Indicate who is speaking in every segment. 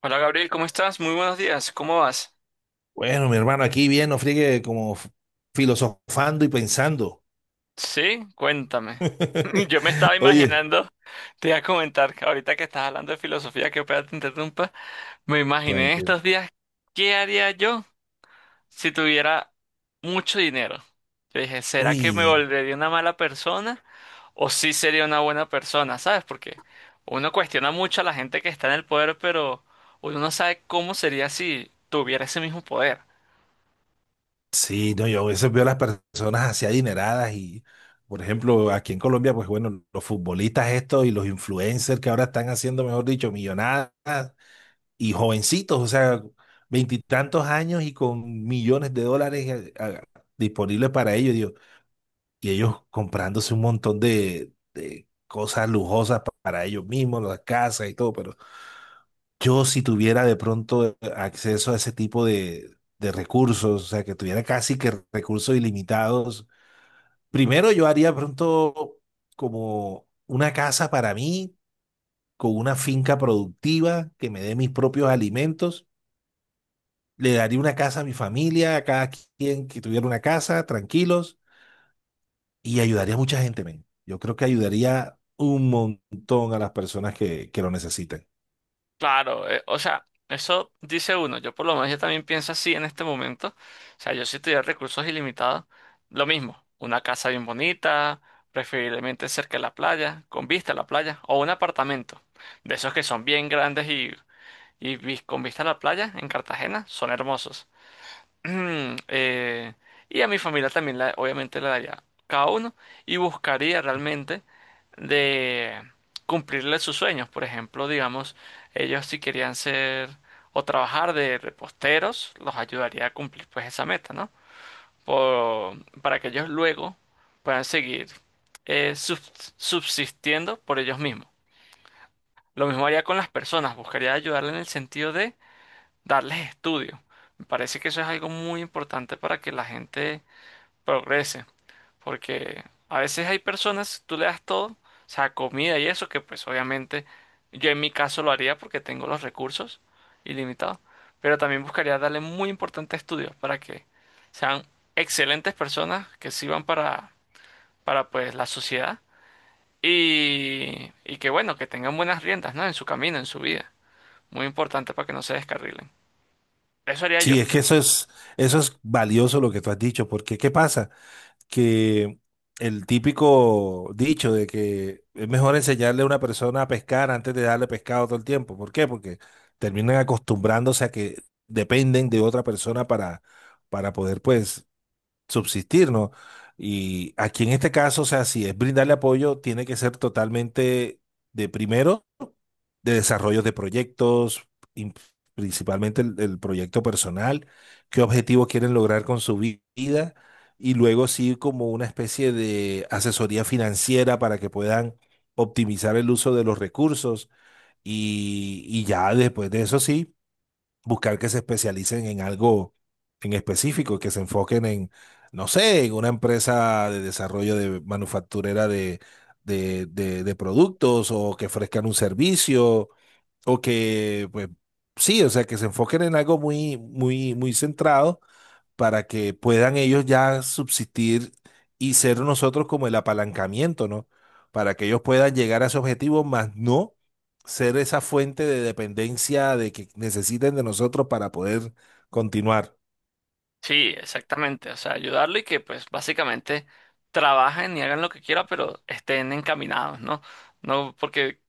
Speaker 1: Hola Gabriel, ¿cómo estás? Muy buenos días, ¿cómo vas?
Speaker 2: Bueno, mi hermano, aquí bien, no friegue como filosofando y pensando.
Speaker 1: Sí, cuéntame. Yo me estaba
Speaker 2: Oye,
Speaker 1: imaginando, te iba a comentar que ahorita que estás hablando de filosofía, que ojalá te interrumpa, me imaginé
Speaker 2: tranquilo.
Speaker 1: estos días, ¿qué haría yo si tuviera mucho dinero? Yo dije, ¿será que me
Speaker 2: Uy,
Speaker 1: volvería una mala persona o sí sería una buena persona? ¿Sabes? Porque uno cuestiona mucho a la gente que está en el poder, pero uno no sabe cómo sería si tuviera ese mismo poder.
Speaker 2: sí, no, yo a veces veo a las personas así adineradas y, por ejemplo, aquí en Colombia, pues bueno, los futbolistas estos y los influencers que ahora están haciendo, mejor dicho, millonadas y jovencitos, o sea, veintitantos años y con millones de dólares disponibles para ellos. Y ellos comprándose un montón de cosas lujosas para ellos mismos, las casas y todo, pero yo si tuviera de pronto acceso a ese tipo de recursos, o sea, que tuviera casi que recursos ilimitados, primero yo haría pronto como una casa para mí, con una finca productiva que me dé mis propios alimentos. Le daría una casa a mi familia, a cada quien que tuviera una casa, tranquilos, y ayudaría a mucha gente, men. Yo creo que ayudaría un montón a las personas que lo necesiten.
Speaker 1: Claro, o sea, eso dice uno. Yo por lo menos yo también pienso así en este momento. O sea, yo si tuviera recursos ilimitados, lo mismo, una casa bien bonita, preferiblemente cerca de la playa, con vista a la playa, o un apartamento. De esos que son bien grandes y con vista a la playa en Cartagena, son hermosos. Mm, y a mi familia también, obviamente, la daría cada uno y buscaría realmente de cumplirle sus sueños. Por ejemplo, digamos, ellos si querían ser o trabajar de reposteros, los ayudaría a cumplir pues esa meta, ¿no? Para que ellos luego puedan seguir subsistiendo por ellos mismos. Lo mismo haría con las personas, buscaría ayudarle en el sentido de darles estudio. Me parece que eso es algo muy importante para que la gente progrese, porque a veces hay personas, tú le das todo, o sea, comida y eso, que pues obviamente yo en mi caso lo haría porque tengo los recursos ilimitados, pero también buscaría darle muy importante estudio para que sean excelentes personas que sirvan para pues la sociedad y que bueno, que tengan buenas riendas, ¿no? En su camino, en su vida. Muy importante para que no se descarrilen. Eso haría yo.
Speaker 2: Sí, es que eso es valioso lo que tú has dicho, porque ¿qué pasa? Que el típico dicho de que es mejor enseñarle a una persona a pescar antes de darle pescado todo el tiempo. ¿Por qué? Porque terminan acostumbrándose a que dependen de otra persona para poder, pues, subsistir, ¿no? Y aquí en este caso, o sea, si es brindarle apoyo, tiene que ser totalmente de primero, de desarrollo de proyectos, in- principalmente el proyecto personal, qué objetivos quieren lograr con su vida, y luego sí como una especie de asesoría financiera para que puedan optimizar el uso de los recursos, y ya después de eso sí buscar que se especialicen en algo en específico, que se enfoquen en, no sé, en una empresa de desarrollo de manufacturera de productos o que ofrezcan un servicio o que, pues, sí, o sea, que se enfoquen en algo muy, muy, muy centrado para que puedan ellos ya subsistir y ser nosotros como el apalancamiento, ¿no? Para que ellos puedan llegar a su objetivo, más no ser esa fuente de dependencia de que necesiten de nosotros para poder continuar.
Speaker 1: Sí, exactamente. O sea, ayudarlo y que pues básicamente trabajen y hagan lo que quieran, pero estén encaminados, ¿no? No, porque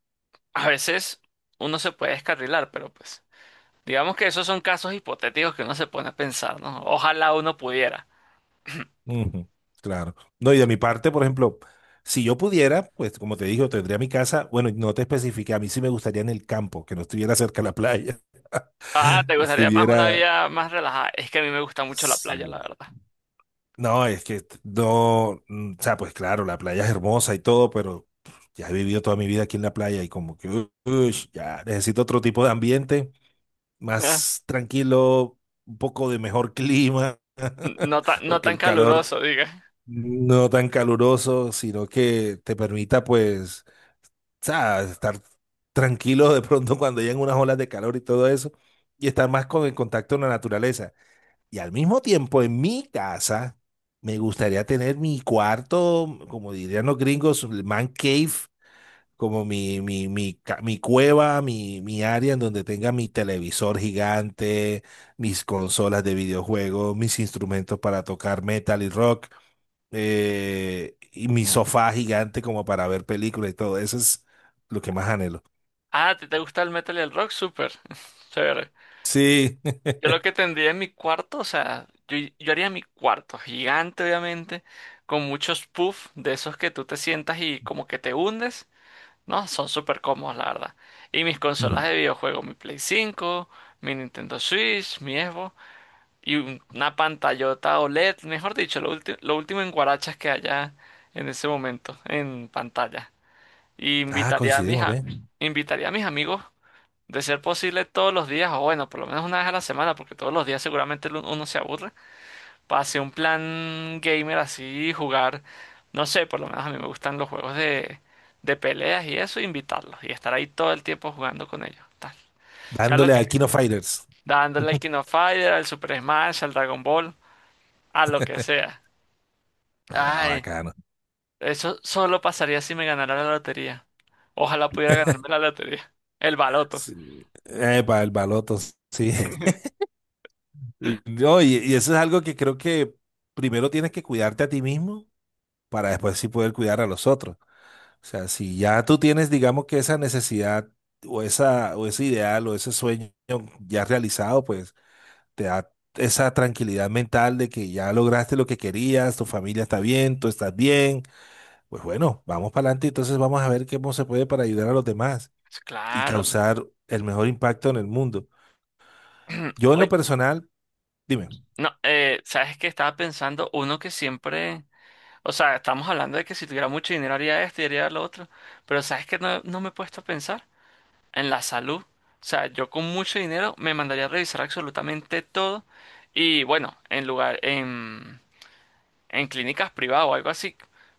Speaker 1: a veces uno se puede descarrilar, pero pues digamos que esos son casos hipotéticos que uno se pone a pensar, ¿no? Ojalá uno pudiera.
Speaker 2: Ujú, claro. No, y de mi parte, por ejemplo, si yo pudiera, pues como te digo, tendría mi casa, bueno, no te especifiqué, a mí sí me gustaría en el campo, que no estuviera cerca de la playa,
Speaker 1: Ah, ¿te gustaría más una
Speaker 2: estuviera,
Speaker 1: vida más relajada? Es que a mí me gusta mucho la playa, la
Speaker 2: sí.
Speaker 1: verdad.
Speaker 2: No, es que no, o sea, pues claro, la playa es hermosa y todo, pero ya he vivido toda mi vida aquí en la playa y como que, ush, ya necesito otro tipo de ambiente, más tranquilo, un poco de mejor clima,
Speaker 1: No tan, no
Speaker 2: porque
Speaker 1: tan
Speaker 2: el calor
Speaker 1: caluroso, diga.
Speaker 2: no tan caluroso, sino que te permita pues, o sea, estar tranquilo de pronto cuando llegan unas olas de calor y todo eso, y estar más con el contacto con la naturaleza. Y al mismo tiempo, en mi casa, me gustaría tener mi cuarto, como dirían los gringos, el man cave, como mi cueva, mi área en donde tenga mi televisor gigante, mis consolas de videojuegos, mis instrumentos para tocar metal y rock, y mi sofá gigante como para ver películas y todo. Eso es lo que más anhelo.
Speaker 1: Ah, ¿te, te gusta el metal y el rock? Súper. Chévere.
Speaker 2: Sí.
Speaker 1: Yo lo que tendría en mi cuarto, o sea, yo haría mi cuarto gigante, obviamente, con muchos puffs de esos que tú te sientas y como que te hundes, ¿no? Son súper cómodos, la verdad. Y mis consolas
Speaker 2: Mm.
Speaker 1: de videojuego, mi Play 5, mi Nintendo Switch, mi Xbox y una pantallota OLED, mejor dicho, lo último en guarachas que haya en ese momento en pantalla. Y
Speaker 2: Ah, coincidimos, ¿ven?
Speaker 1: invitaría a mis amigos de ser posible todos los días, o bueno, por lo menos una vez a la semana, porque todos los días seguramente uno se aburre, para hacer un plan gamer así, jugar, no sé, por lo menos a mí me gustan los juegos de peleas y eso, invitarlos y estar ahí todo el tiempo jugando con ellos, tal. Sea lo
Speaker 2: Dándole
Speaker 1: que
Speaker 2: a
Speaker 1: sea,
Speaker 2: Kino Fighters.
Speaker 1: dándole al King of Fighter, al Super Smash, al Dragon Ball, a lo que sea.
Speaker 2: Ah,
Speaker 1: Ay,
Speaker 2: bacano.
Speaker 1: eso solo pasaría si me ganara la lotería. Ojalá pudiera ganarme la lotería. El baloto.
Speaker 2: Sí. Epa, el baloto, sí. No, y eso es algo que creo que primero tienes que cuidarte a ti mismo para después sí poder cuidar a los otros. O sea, si ya tú tienes, digamos que esa necesidad o esa o ese ideal o ese sueño ya realizado, pues te da esa tranquilidad mental de que ya lograste lo que querías, tu familia está bien, tú estás bien. Pues bueno, vamos para adelante, entonces vamos a ver cómo se puede para ayudar a los demás y
Speaker 1: Claro.
Speaker 2: causar el mejor impacto en el mundo. Yo en
Speaker 1: Oye,
Speaker 2: lo personal. Dime.
Speaker 1: no, sabes que estaba pensando uno que siempre, o sea, estamos hablando de que si tuviera mucho dinero haría esto y haría lo otro, pero sabes que no, me he puesto a pensar en la salud. O sea, yo con mucho dinero me mandaría a revisar absolutamente todo y bueno, en clínicas privadas o algo así,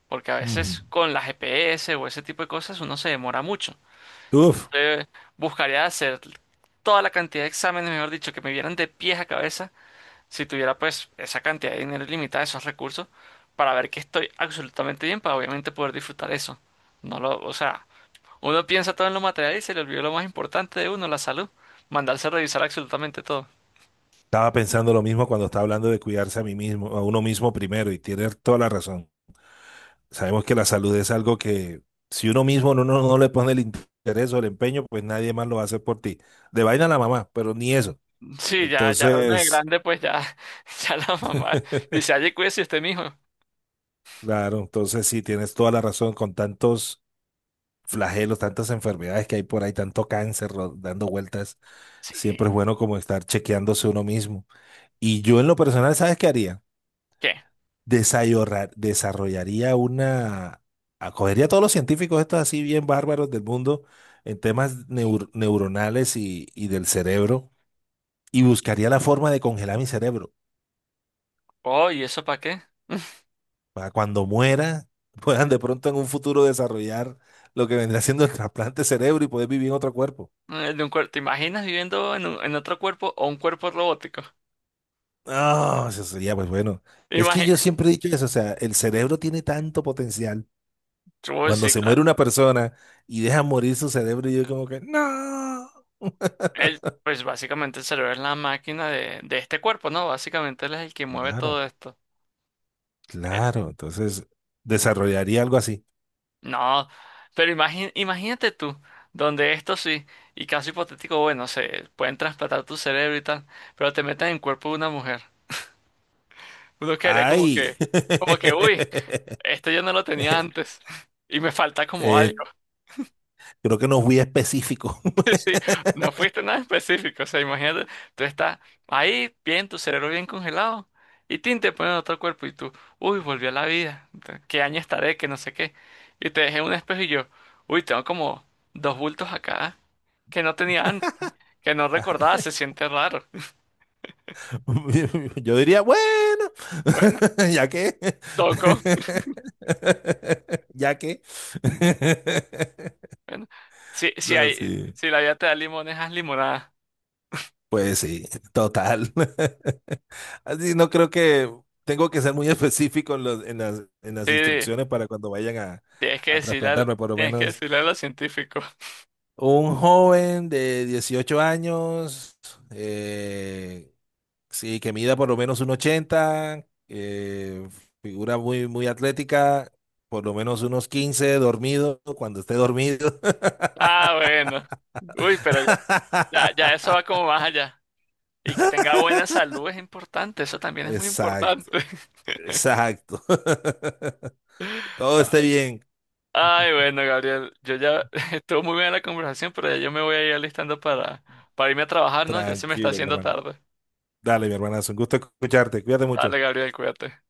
Speaker 1: porque a
Speaker 2: Ujú.
Speaker 1: veces con la GPS o ese tipo de cosas uno se demora mucho.
Speaker 2: Uf,
Speaker 1: Entonces, buscaría hacer toda la cantidad de exámenes, mejor dicho, que me vieran de pies a cabeza si tuviera pues esa cantidad de dinero ilimitada, esos recursos, para ver que estoy absolutamente bien, para obviamente poder disfrutar eso. No lo, o sea, uno piensa todo en lo material y se le olvidó lo más importante de uno, la salud. Mandarse a revisar absolutamente todo.
Speaker 2: estaba pensando lo mismo cuando estaba hablando de cuidarse a mí mismo, a uno mismo primero, y tiene toda la razón. Sabemos que la salud es algo que si uno mismo no le pone el interés o el empeño, pues nadie más lo va a hacer por ti. De vaina la mamá, pero ni eso.
Speaker 1: Sí, ya uno de
Speaker 2: Entonces,
Speaker 1: grande, pues ya, ya la mamá dice, ay cuídese usted mijo.
Speaker 2: claro, entonces sí, tienes toda la razón con tantos flagelos, tantas enfermedades que hay por ahí, tanto cáncer dando vueltas. Siempre
Speaker 1: Sí.
Speaker 2: es bueno como estar chequeándose uno mismo. Y yo en lo personal, ¿sabes qué haría?
Speaker 1: ¿Qué?
Speaker 2: desayorra- desarrollaría una, acogería a todos los científicos estos así bien bárbaros del mundo en temas neuronales y del cerebro y buscaría la forma de congelar mi cerebro
Speaker 1: Oh, ¿y eso para qué?
Speaker 2: para cuando muera puedan de pronto en un futuro desarrollar lo que vendrá siendo el trasplante de cerebro y poder vivir en otro cuerpo.
Speaker 1: De un cuerpo, ¿te imaginas viviendo en otro cuerpo o un cuerpo robótico?
Speaker 2: Ah, eso sería pues bueno. Es que yo
Speaker 1: Imagínate.
Speaker 2: siempre he dicho eso, o sea, el cerebro tiene tanto potencial. Cuando se muere una persona y deja morir su cerebro, yo como que, no.
Speaker 1: El pues básicamente el cerebro es la máquina de este cuerpo, ¿no? Básicamente él es el que mueve
Speaker 2: Claro.
Speaker 1: todo esto. Eh,
Speaker 2: Claro, entonces desarrollaría algo así.
Speaker 1: No, pero imagínate tú, donde esto sí, y caso hipotético, bueno, se pueden trasplantar tu cerebro y tal, pero te meten en el cuerpo de una mujer. Uno quedaría
Speaker 2: ¡Ay!
Speaker 1: como que, uy, esto yo no lo tenía antes y me falta como
Speaker 2: Eh,
Speaker 1: algo.
Speaker 2: creo que no fui específico.
Speaker 1: Sí, no fuiste nada específico, o sea, imagínate, tú estás ahí, bien, tu cerebro bien congelado, y tin, te ponen otro cuerpo, y tú, uy, volví a la vida, qué año estaré, que no sé qué, y te dejé en un espejo y yo, uy, tengo como dos bultos acá, que no tenía antes, que no recordaba, se siente raro.
Speaker 2: Yo diría, bueno,
Speaker 1: Bueno,
Speaker 2: ya que,
Speaker 1: toco,
Speaker 2: ya que.
Speaker 1: bueno, si
Speaker 2: No,
Speaker 1: hay,
Speaker 2: sí.
Speaker 1: si la vida te da limones, haz limonada,
Speaker 2: Pues sí, total. Así no creo que tengo que ser muy específico en en las
Speaker 1: sí,
Speaker 2: instrucciones para cuando vayan a, a trasplantarme, por lo
Speaker 1: tienes que
Speaker 2: menos.
Speaker 1: decirle a los científicos,
Speaker 2: Un joven de 18 años, eh, sí, que mida por lo menos un 80 figura muy, muy atlética, por lo menos unos 15 dormido, cuando esté dormido.
Speaker 1: ah, bueno, uy, pero ya, ya eso va como más allá. Y que tenga buena salud es importante, eso también es muy
Speaker 2: Exacto,
Speaker 1: importante.
Speaker 2: exacto. Todo esté bien.
Speaker 1: Ay, bueno, Gabriel, yo ya estuvo muy bien la conversación, pero ya yo me voy a ir alistando para irme a trabajar, ¿no? Ya se me está
Speaker 2: Tranquilo, mi
Speaker 1: haciendo
Speaker 2: hermano.
Speaker 1: tarde.
Speaker 2: Dale, mi hermanazo, un gusto escucharte. Cuídate mucho.
Speaker 1: Dale, Gabriel, cuídate.